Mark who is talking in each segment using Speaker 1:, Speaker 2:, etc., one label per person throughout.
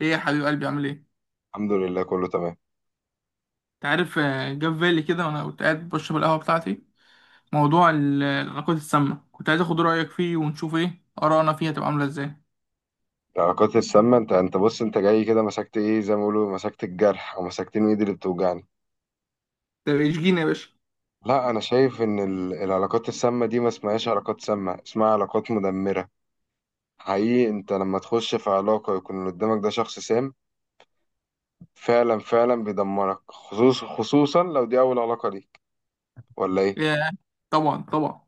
Speaker 1: ايه يا حبيب قلبي، عامل ايه؟
Speaker 2: الحمد لله، كله تمام.
Speaker 1: انت عارف جه في بالي كده وانا كنت قاعد بشرب القهوه بتاعتي. موضوع العلاقات السامه، كنت عايز اخد رايك فيه ونشوف ايه ارائنا فيها تبقى عامله ازاي.
Speaker 2: العلاقات السامة، انت بص، انت جاي كده مسكت ايه زي ما بيقولوا، مسكت الجرح او مسكتين ايدي اللي بتوجعني.
Speaker 1: طب اشجيني يا باشا.
Speaker 2: لا، انا شايف ان العلاقات السامة دي ما اسمهاش علاقات سامة، اسمها علاقات مدمرة. حقيقي، انت لما تخش في علاقة يكون اللي قدامك ده شخص سام. فعلا فعلا بيدمرك، خصوصا لو دي اول علاقة ليك. ولا ايه؟
Speaker 1: يا طبعا طبعا.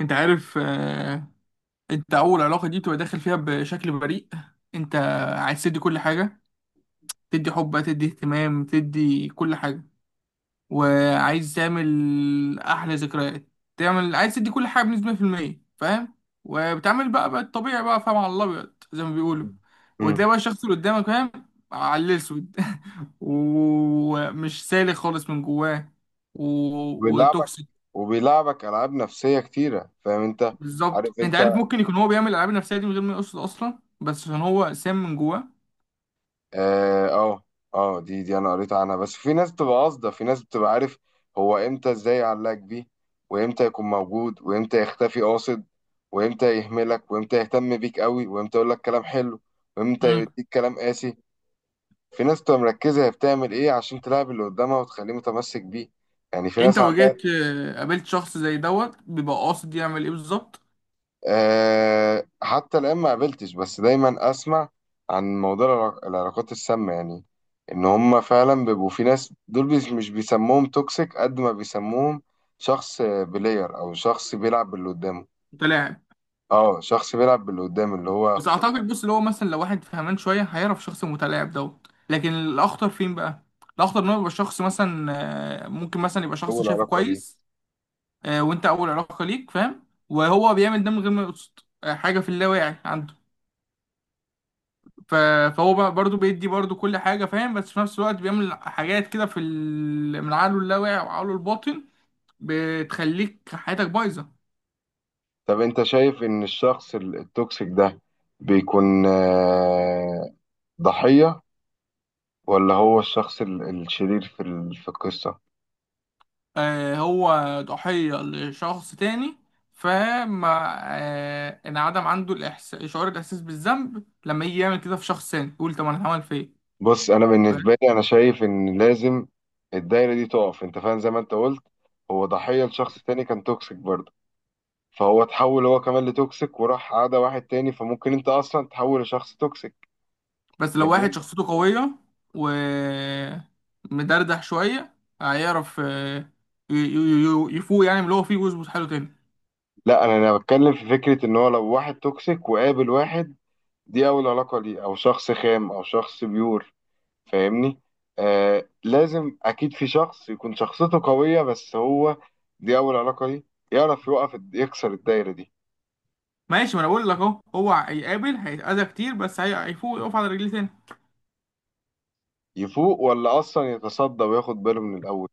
Speaker 1: انت عارف انت اول علاقه دي بتبقى داخل فيها بشكل بريء. انت عايز تدي كل حاجه، تدي حب، تدي اهتمام، تدي كل حاجه، وعايز تعمل احلى ذكريات. عايز تدي كل حاجه بنسبه 100%، فاهم؟ وبتعمل بقى الطبيعي بقى، فاهم، على الابيض زي ما بيقولوا.
Speaker 2: امم.
Speaker 1: وتلاقي بقى الشخص اللي قدامك فاهم على الاسود. ومش سالك خالص من جواه و...
Speaker 2: وبيلعبك
Speaker 1: وتوكسيك.
Speaker 2: وبيلعبك العاب نفسية كتيرة، فاهم انت؟
Speaker 1: بالظبط.
Speaker 2: عارف
Speaker 1: انت
Speaker 2: انت،
Speaker 1: عارف، ممكن يكون هو بيعمل الالعاب النفسيه دي من غير ما يقصد اصلا، بس عشان هو سام من جواه.
Speaker 2: اه، اه، دي انا قريت عنها، بس في ناس بتبقى قاصده، في ناس بتبقى، عارف. هو امتى ازاي يعلقك بيه، وامتى يكون موجود وامتى يختفي قاصد، وامتى يهملك وامتى يهتم بيك قوي وامتى يقول لك كلام حلو، وامتى
Speaker 1: مم.
Speaker 2: يديك كلام قاسي. في ناس بتبقى مركزه، هي بتعمل ايه عشان تلعب اللي قدامها وتخليه متمسك بيه. يعني في
Speaker 1: انت
Speaker 2: ناس عندها.
Speaker 1: واجهت آه، قابلت شخص زي دوت بيبقى قاصد يعمل ايه بالظبط؟
Speaker 2: أه، حتى الآن ما قابلتش، بس دايما أسمع عن موضوع العلاقات السامة، يعني إن هما فعلا بيبقوا في ناس دول، مش بيسموهم توكسيك قد ما بيسموهم شخص بلاير أو شخص بيلعب باللي قدامه.
Speaker 1: انت لاعب.
Speaker 2: اه، شخص بيلعب باللي قدامه، اللي هو،
Speaker 1: بس اعتقد، بص، اللي هو مثلا لو واحد فهمان شويه هيعرف الشخص المتلاعب دوت، لكن الاخطر فين بقى؟ الاخطر ان هو يبقى شخص مثلا ممكن مثلا يبقى
Speaker 2: هو
Speaker 1: شخص شايفه
Speaker 2: العلاقة دي.
Speaker 1: كويس. وانت اول علاقه ليك فاهم، وهو بيعمل ده من غير ما يقصد. حاجه في اللاواعي عنده. ف- فهو بقى برضه بيدي برضه كل حاجه، فاهم؟ بس في نفس الوقت بيعمل حاجات كده من عقله اللاواعي وعقله الباطن. بتخليك حياتك بايظه.
Speaker 2: طب أنت شايف إن الشخص التوكسيك ده بيكون، ضحية، ولا هو الشخص الشرير في في القصة؟
Speaker 1: هو ضحية لشخص تاني، فما انعدم عنده شعور الإحساس بالذنب لما يجي يعمل كده في شخص تاني، يقول طب أنا هعمل في إيه؟
Speaker 2: بص، انا
Speaker 1: فاهم؟
Speaker 2: بالنسبه لي انا شايف ان لازم الدايره دي تقف، انت فاهم؟ زي ما انت قلت، هو ضحيه لشخص تاني كان توكسيك برضه، فهو اتحول هو كمان لتوكسيك وراح عادى واحد تاني، فممكن انت اصلا تحول لشخص توكسيك.
Speaker 1: بس لو واحد
Speaker 2: جميل.
Speaker 1: شخصيته قوية ومدردح شوية هيعرف يفوق يعني من اللي هو فيه ويظبط حاله تاني.
Speaker 2: لا، انا بتكلم في فكره ان هو لو واحد توكسيك وقابل واحد دي اول علاقه ليه، او شخص خام او شخص بيور، فاهمني؟ لازم اكيد في شخص يكون شخصيته قويه، بس هو دي اول علاقه ليه يعرف يوقف، يكسر الدايره دي.
Speaker 1: ماشي. ما أنا بقول لك أهو، هو هيقابل، هيتأذى كتير، بس هيفوق، يقف على رجليه تاني.
Speaker 2: يفوق ولا اصلا يتصدى وياخد باله من الاول؟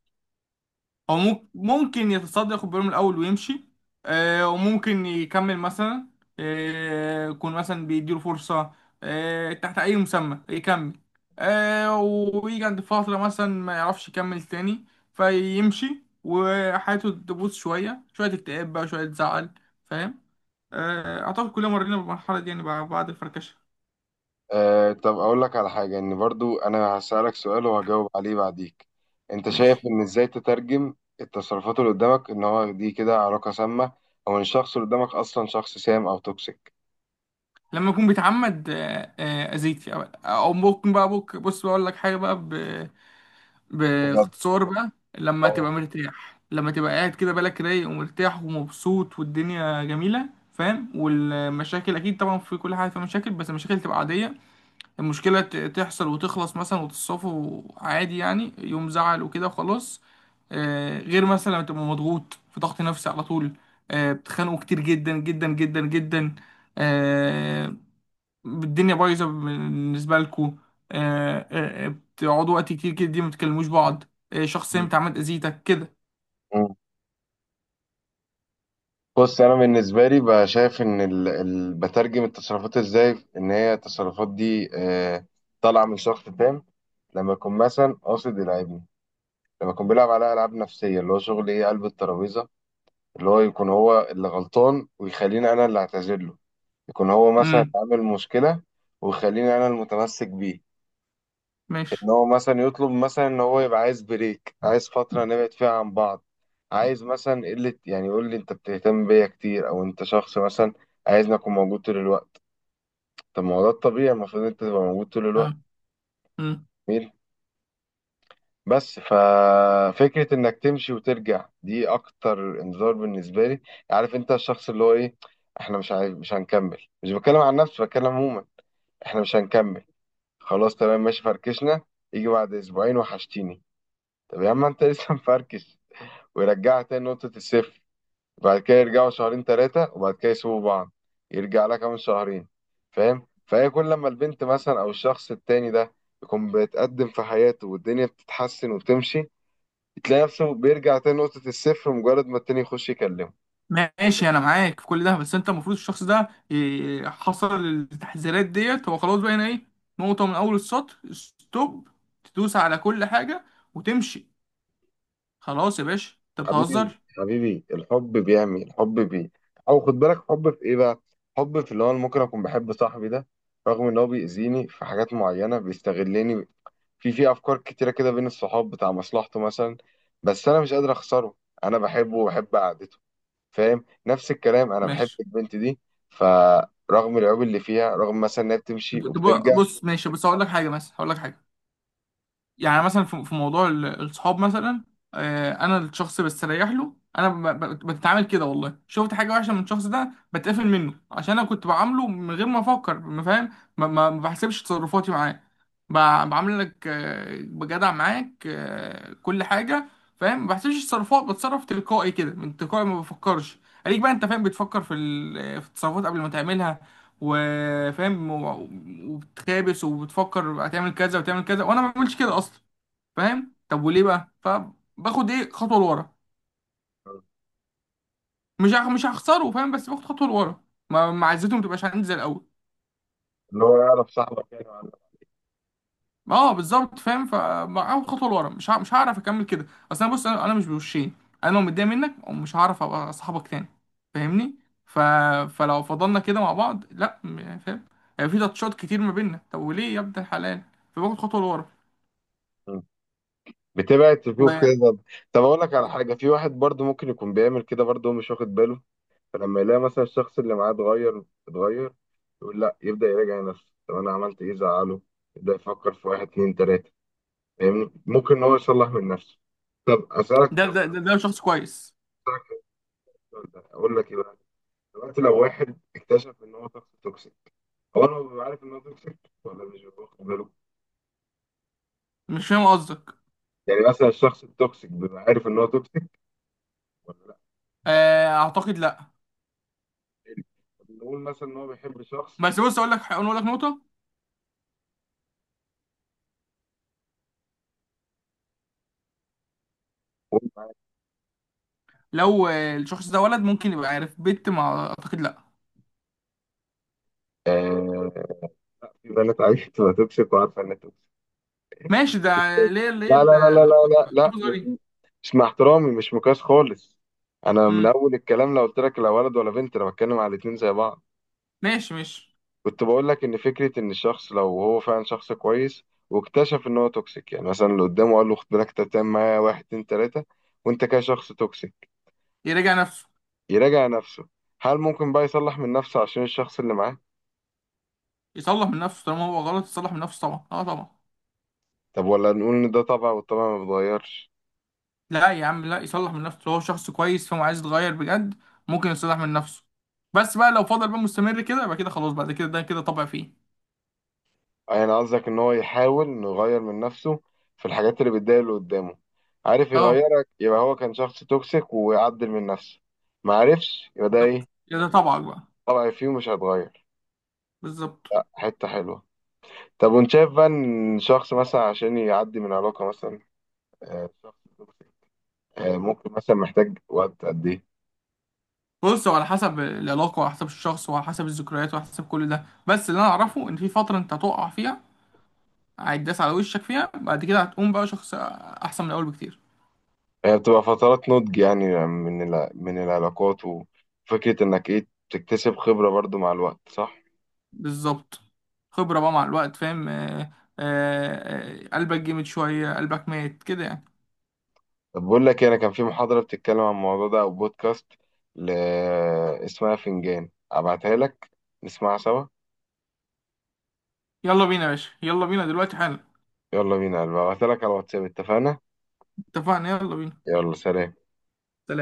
Speaker 1: هو ممكن يتصدى، ياخد باله من الاول ويمشي. وممكن يكمل مثلا، يكون مثلا بيديله فرصه، تحت اي مسمى يكمل، ويجي عند فتره مثلا ما يعرفش يكمل تاني، فيمشي وحياته تبوظ شويه شويه، اكتئاب بقى شويه، زعل. فاهم؟ اعتقد كلنا مرينا بالمرحله دي يعني، بعد الفركشه.
Speaker 2: طب اقول لك على حاجه، ان برضو انا هسالك سؤال وهجاوب عليه بعديك. انت
Speaker 1: ماشي.
Speaker 2: شايف ان ازاي تترجم التصرفات اللي قدامك ان هو دي كده علاقه سامه، او ان الشخص اللي قدامك اصلا شخص سام او توكسيك؟
Speaker 1: لما يكون بيتعمد اذيك، او ممكن بقى، بص بقول لك حاجه بقى،
Speaker 2: بجد.
Speaker 1: باختصار بقى. لما
Speaker 2: اه.
Speaker 1: تبقى مرتاح، لما تبقى قاعد كده بالك رايق ومرتاح ومبسوط والدنيا جميلة، فاهم؟ والمشاكل اكيد طبعا، في كل حاجه في مشاكل، بس المشاكل تبقى عاديه. المشكله تحصل وتخلص مثلا، وتتصافوا عادي، يعني يوم زعل وكده وخلاص. غير مثلا لما تبقى مضغوط، في ضغط نفسي على طول. بتخانقوا كتير جدا جدا جدا جدا. آه، الدنيا بايظه بالنسبه لكم. بتقعدوا وقت كتير كده دي ما بتكلموش بعض. شخص انت عملت اذيتك كده.
Speaker 2: مم. بص، انا بالنسبه لي بقى شايف ان، ال، ال، بترجم التصرفات ازاي، ان هي التصرفات دي طالعه من شخص تام، لما يكون مثلا قاصد يلعبني، لما كان بيلعب على العاب نفسيه اللي هو شغل ايه، قلب الترابيزه، اللي هو يكون هو اللي غلطان ويخليني انا اللي اعتذر له، يكون هو مثلا
Speaker 1: امم.
Speaker 2: عامل مشكله ويخليني انا المتمسك بيه. ان
Speaker 1: ماشي.
Speaker 2: هو مثلا يطلب مثلا ان هو يبقى عايز بريك، عايز فتره نبعد فيها عن بعض، عايز مثلا قله، يعني يقول لي انت بتهتم بيا كتير، او انت شخص مثلا عايزني اكون موجود طول الوقت. طب ما هو ده الطبيعي، المفروض انت تبقى موجود طول
Speaker 1: اه.
Speaker 2: الوقت.
Speaker 1: امم.
Speaker 2: مين؟ بس ففكرة انك تمشي وترجع دي اكتر انذار بالنسبة لي. عارف انت الشخص اللي هو ايه، احنا مش عايز، مش هنكمل، مش بتكلم عن نفسي بتكلم عموما، احنا مش هنكمل، خلاص تمام ماشي فركشنا، يجي بعد اسبوعين وحشتيني. طب يا عم انت لسه مفركش، ويرجعها تاني نقطة الصفر، وبعد كده يرجعوا شهرين تلاتة وبعد كده يسيبوا بعض، يرجع لها كمان شهرين. فاهم؟ فهي كل لما البنت مثلا او الشخص التاني ده يكون بيتقدم في حياته والدنيا بتتحسن وبتمشي، تلاقي نفسه بيرجع تاني نقطة الصفر مجرد ما التاني يخش يكلمه.
Speaker 1: ماشي. انا معاك في كل ده، بس انت المفروض الشخص ده حصل التحذيرات ديت، هو خلاص بقى هنا ايه؟ نقطه من اول السطر، ستوب. تدوس على كل حاجه وتمشي. خلاص يا باشا انت
Speaker 2: حبيبي
Speaker 1: بتهزر.
Speaker 2: حبيبي، الحب بيعمي، الحب بي. أو خد بالك، حب في إيه بقى؟ حب في اللي هو، أنا ممكن أكون بحب صاحبي ده رغم إن هو بيأذيني في حاجات معينة، بيستغلني في أفكار كتيرة كده بين الصحاب، بتاع مصلحته مثلا، بس أنا مش قادر أخسره، أنا بحبه وبحب قعدته. فاهم؟ نفس الكلام، أنا بحب
Speaker 1: ماشي.
Speaker 2: البنت دي، فرغم العيوب اللي فيها، رغم مثلا إنها بتمشي
Speaker 1: طب- طب
Speaker 2: وبترجع.
Speaker 1: بص ماشي، بس هقول لك حاجه، مثلا هقول لك حاجه. يعني مثلا في موضوع الصحاب مثلا. انا الشخص بستريح له، انا بتعامل كده، والله شفت حاجه وحشه من الشخص ده بتقفل منه عشان انا كنت بعامله من غير ما افكر، ما فاهم؟ ما بحسبش تصرفاتي معاه. ب- بعاملك بجدع معاك كل حاجه، فاهم؟ ما بحسبش تصرفات، بتصرف تلقائي كده، من تلقائي ما بفكرش. عليك بقى انت فاهم، بتفكر في التصرفات قبل ما تعملها وفاهم، وبتخابس وبتفكر هتعمل كذا وتعمل كذا، وانا ما بعملش كده اصلا. فاهم؟ طب وليه بقى، فباخد ايه خطوه لورا. مش هخسره، فاهم؟ بس باخد خطوه لورا، ما عزته ما تبقاش عندي زي الاول.
Speaker 2: اللي هو يعرف صاحبك يعني.
Speaker 1: اه بالظبط، فاهم، فاخد خطوه لورا، مش هعرف اكمل كده. اصل انا، بص، انا مش بوشين. انا لو متضايق منك مش هعرف ابقى صاحبك تاني، فاهمني؟ ف... فلو فضلنا كده مع بعض، لا يعني فاهم، يعني في تاتشات كتير ما بيننا، طب وليه يا ابن الحلال؟ فباخد خطوه لورا.
Speaker 2: بتبعد تشوف
Speaker 1: وده
Speaker 2: كده. طب، طب اقول لك على حاجه، في واحد برضو ممكن يكون بيعمل كده برضو هو مش واخد باله، فلما يلاقي مثلا الشخص اللي معاه اتغير اتغير، يقول لا، يبدا يراجع نفسه، طب انا عملت ايه زعله؟ يبدا يفكر في واحد اتنين تلاته، فاهمني؟ ممكن ان هو يصلح من نفسه. طب اسالك
Speaker 1: ده شخص كويس.
Speaker 2: اسالك السؤال ده اقول لك ايه بقى؟ دلوقتي لو واحد اكتشف ان هو شخص توكسيك، هو انا ببقى عارف ان هو توكسيك، ولا مش ببقى واخد باله؟
Speaker 1: مش فاهم قصدك.
Speaker 2: يعني مثلا الشخص التوكسيك بيبقى عارف ان هو توكسيك ولا لا؟
Speaker 1: اعتقد لا.
Speaker 2: نقول مثلا ان هو بيحب شخص.
Speaker 1: بس بص اقول لك نقطه، لو الشخص ده ولد ممكن يبقى عارف، بنت ما اعتقد لا.
Speaker 2: آه، في بنات عايزة تبقى توكسيك وعارفة إن توكسيك.
Speaker 1: ماشي ده. ليه
Speaker 2: لا لا لا لا لا لا لا،
Speaker 1: حافظ
Speaker 2: مش
Speaker 1: غريب.
Speaker 2: مش مع احترامي، مش مقياس خالص. أنا من
Speaker 1: امم.
Speaker 2: أول الكلام لو قلت لك، لا ولد ولا بنت، أنا بتكلم على الاتنين زي بعض.
Speaker 1: ماشي ماشي.
Speaker 2: كنت بقول لك إن فكرة إن الشخص لو هو فعلا شخص كويس واكتشف إن هو توكسيك، يعني مثلا اللي قدامه قال له خد بالك أنت بتعمل معايا واحد اتنين تلاتة وأنت كده شخص توكسيك،
Speaker 1: يراجع نفسه.
Speaker 2: يراجع نفسه. هل ممكن بقى يصلح من نفسه عشان الشخص اللي معاه؟
Speaker 1: يصلح من نفسه طالما هو غلط، يصلح من نفسه طبعا، اه طبعا.
Speaker 2: طب ولا نقول إن ده طبع والطبع ما بيتغيرش؟
Speaker 1: لا يا عم لا، يصلح من نفسه لو هو شخص كويس، فهو عايز يتغير بجد، ممكن يصلح من نفسه. بس بقى لو فضل بقى مستمر كده، يبقى كده خلاص، بعد كده ده كده طبع فيه.
Speaker 2: يعني قصدك ان هو يحاول انه يغير من نفسه في الحاجات اللي بتضايق اللي قدامه. عارف
Speaker 1: اه
Speaker 2: يغيرك، يبقى هو كان شخص توكسيك ويعدل من نفسه. ما عرفش، يبقى ده ايه؟
Speaker 1: بالظبط، كده ده طبعك بقى.
Speaker 2: طبع فيه مش هيتغير.
Speaker 1: بالظبط.
Speaker 2: حتة حلوة. طب وانت شايف بقى ان شخص مثلا عشان يعدي من علاقة مثلا، شخص توكسيك، ممكن مثلا محتاج وقت قد ايه؟
Speaker 1: بص، هو على حسب العلاقة وعلى حسب الشخص وعلى حسب الذكريات وعلى حسب كل ده، بس اللي انا اعرفه ان في فترة انت هتقع فيها، هيتداس على وشك فيها، بعد كده هتقوم بقى شخص احسن من الاول بكتير.
Speaker 2: هي بتبقى فترات نضج، يعني من من العلاقات، وفكرة انك ايه تكتسب خبرة برضو مع الوقت، صح؟
Speaker 1: بالظبط. خبرة بقى مع الوقت، فاهم؟ آه، قلبك جامد شوية، قلبك مات كده يعني.
Speaker 2: طب بقول لك إيه، انا كان في محاضرة بتتكلم عن الموضوع ده او بودكاست، ل... اسمها فنجان، ابعتها لك نسمعها سوا.
Speaker 1: يلا بينا يا باشا، يلا بينا دلوقتي حالا.
Speaker 2: يلا بينا يا قلبي، ابعتها لك على الواتساب، اتفقنا؟
Speaker 1: اتفقنا يلا بينا.
Speaker 2: يلا، سلام.
Speaker 1: سلام.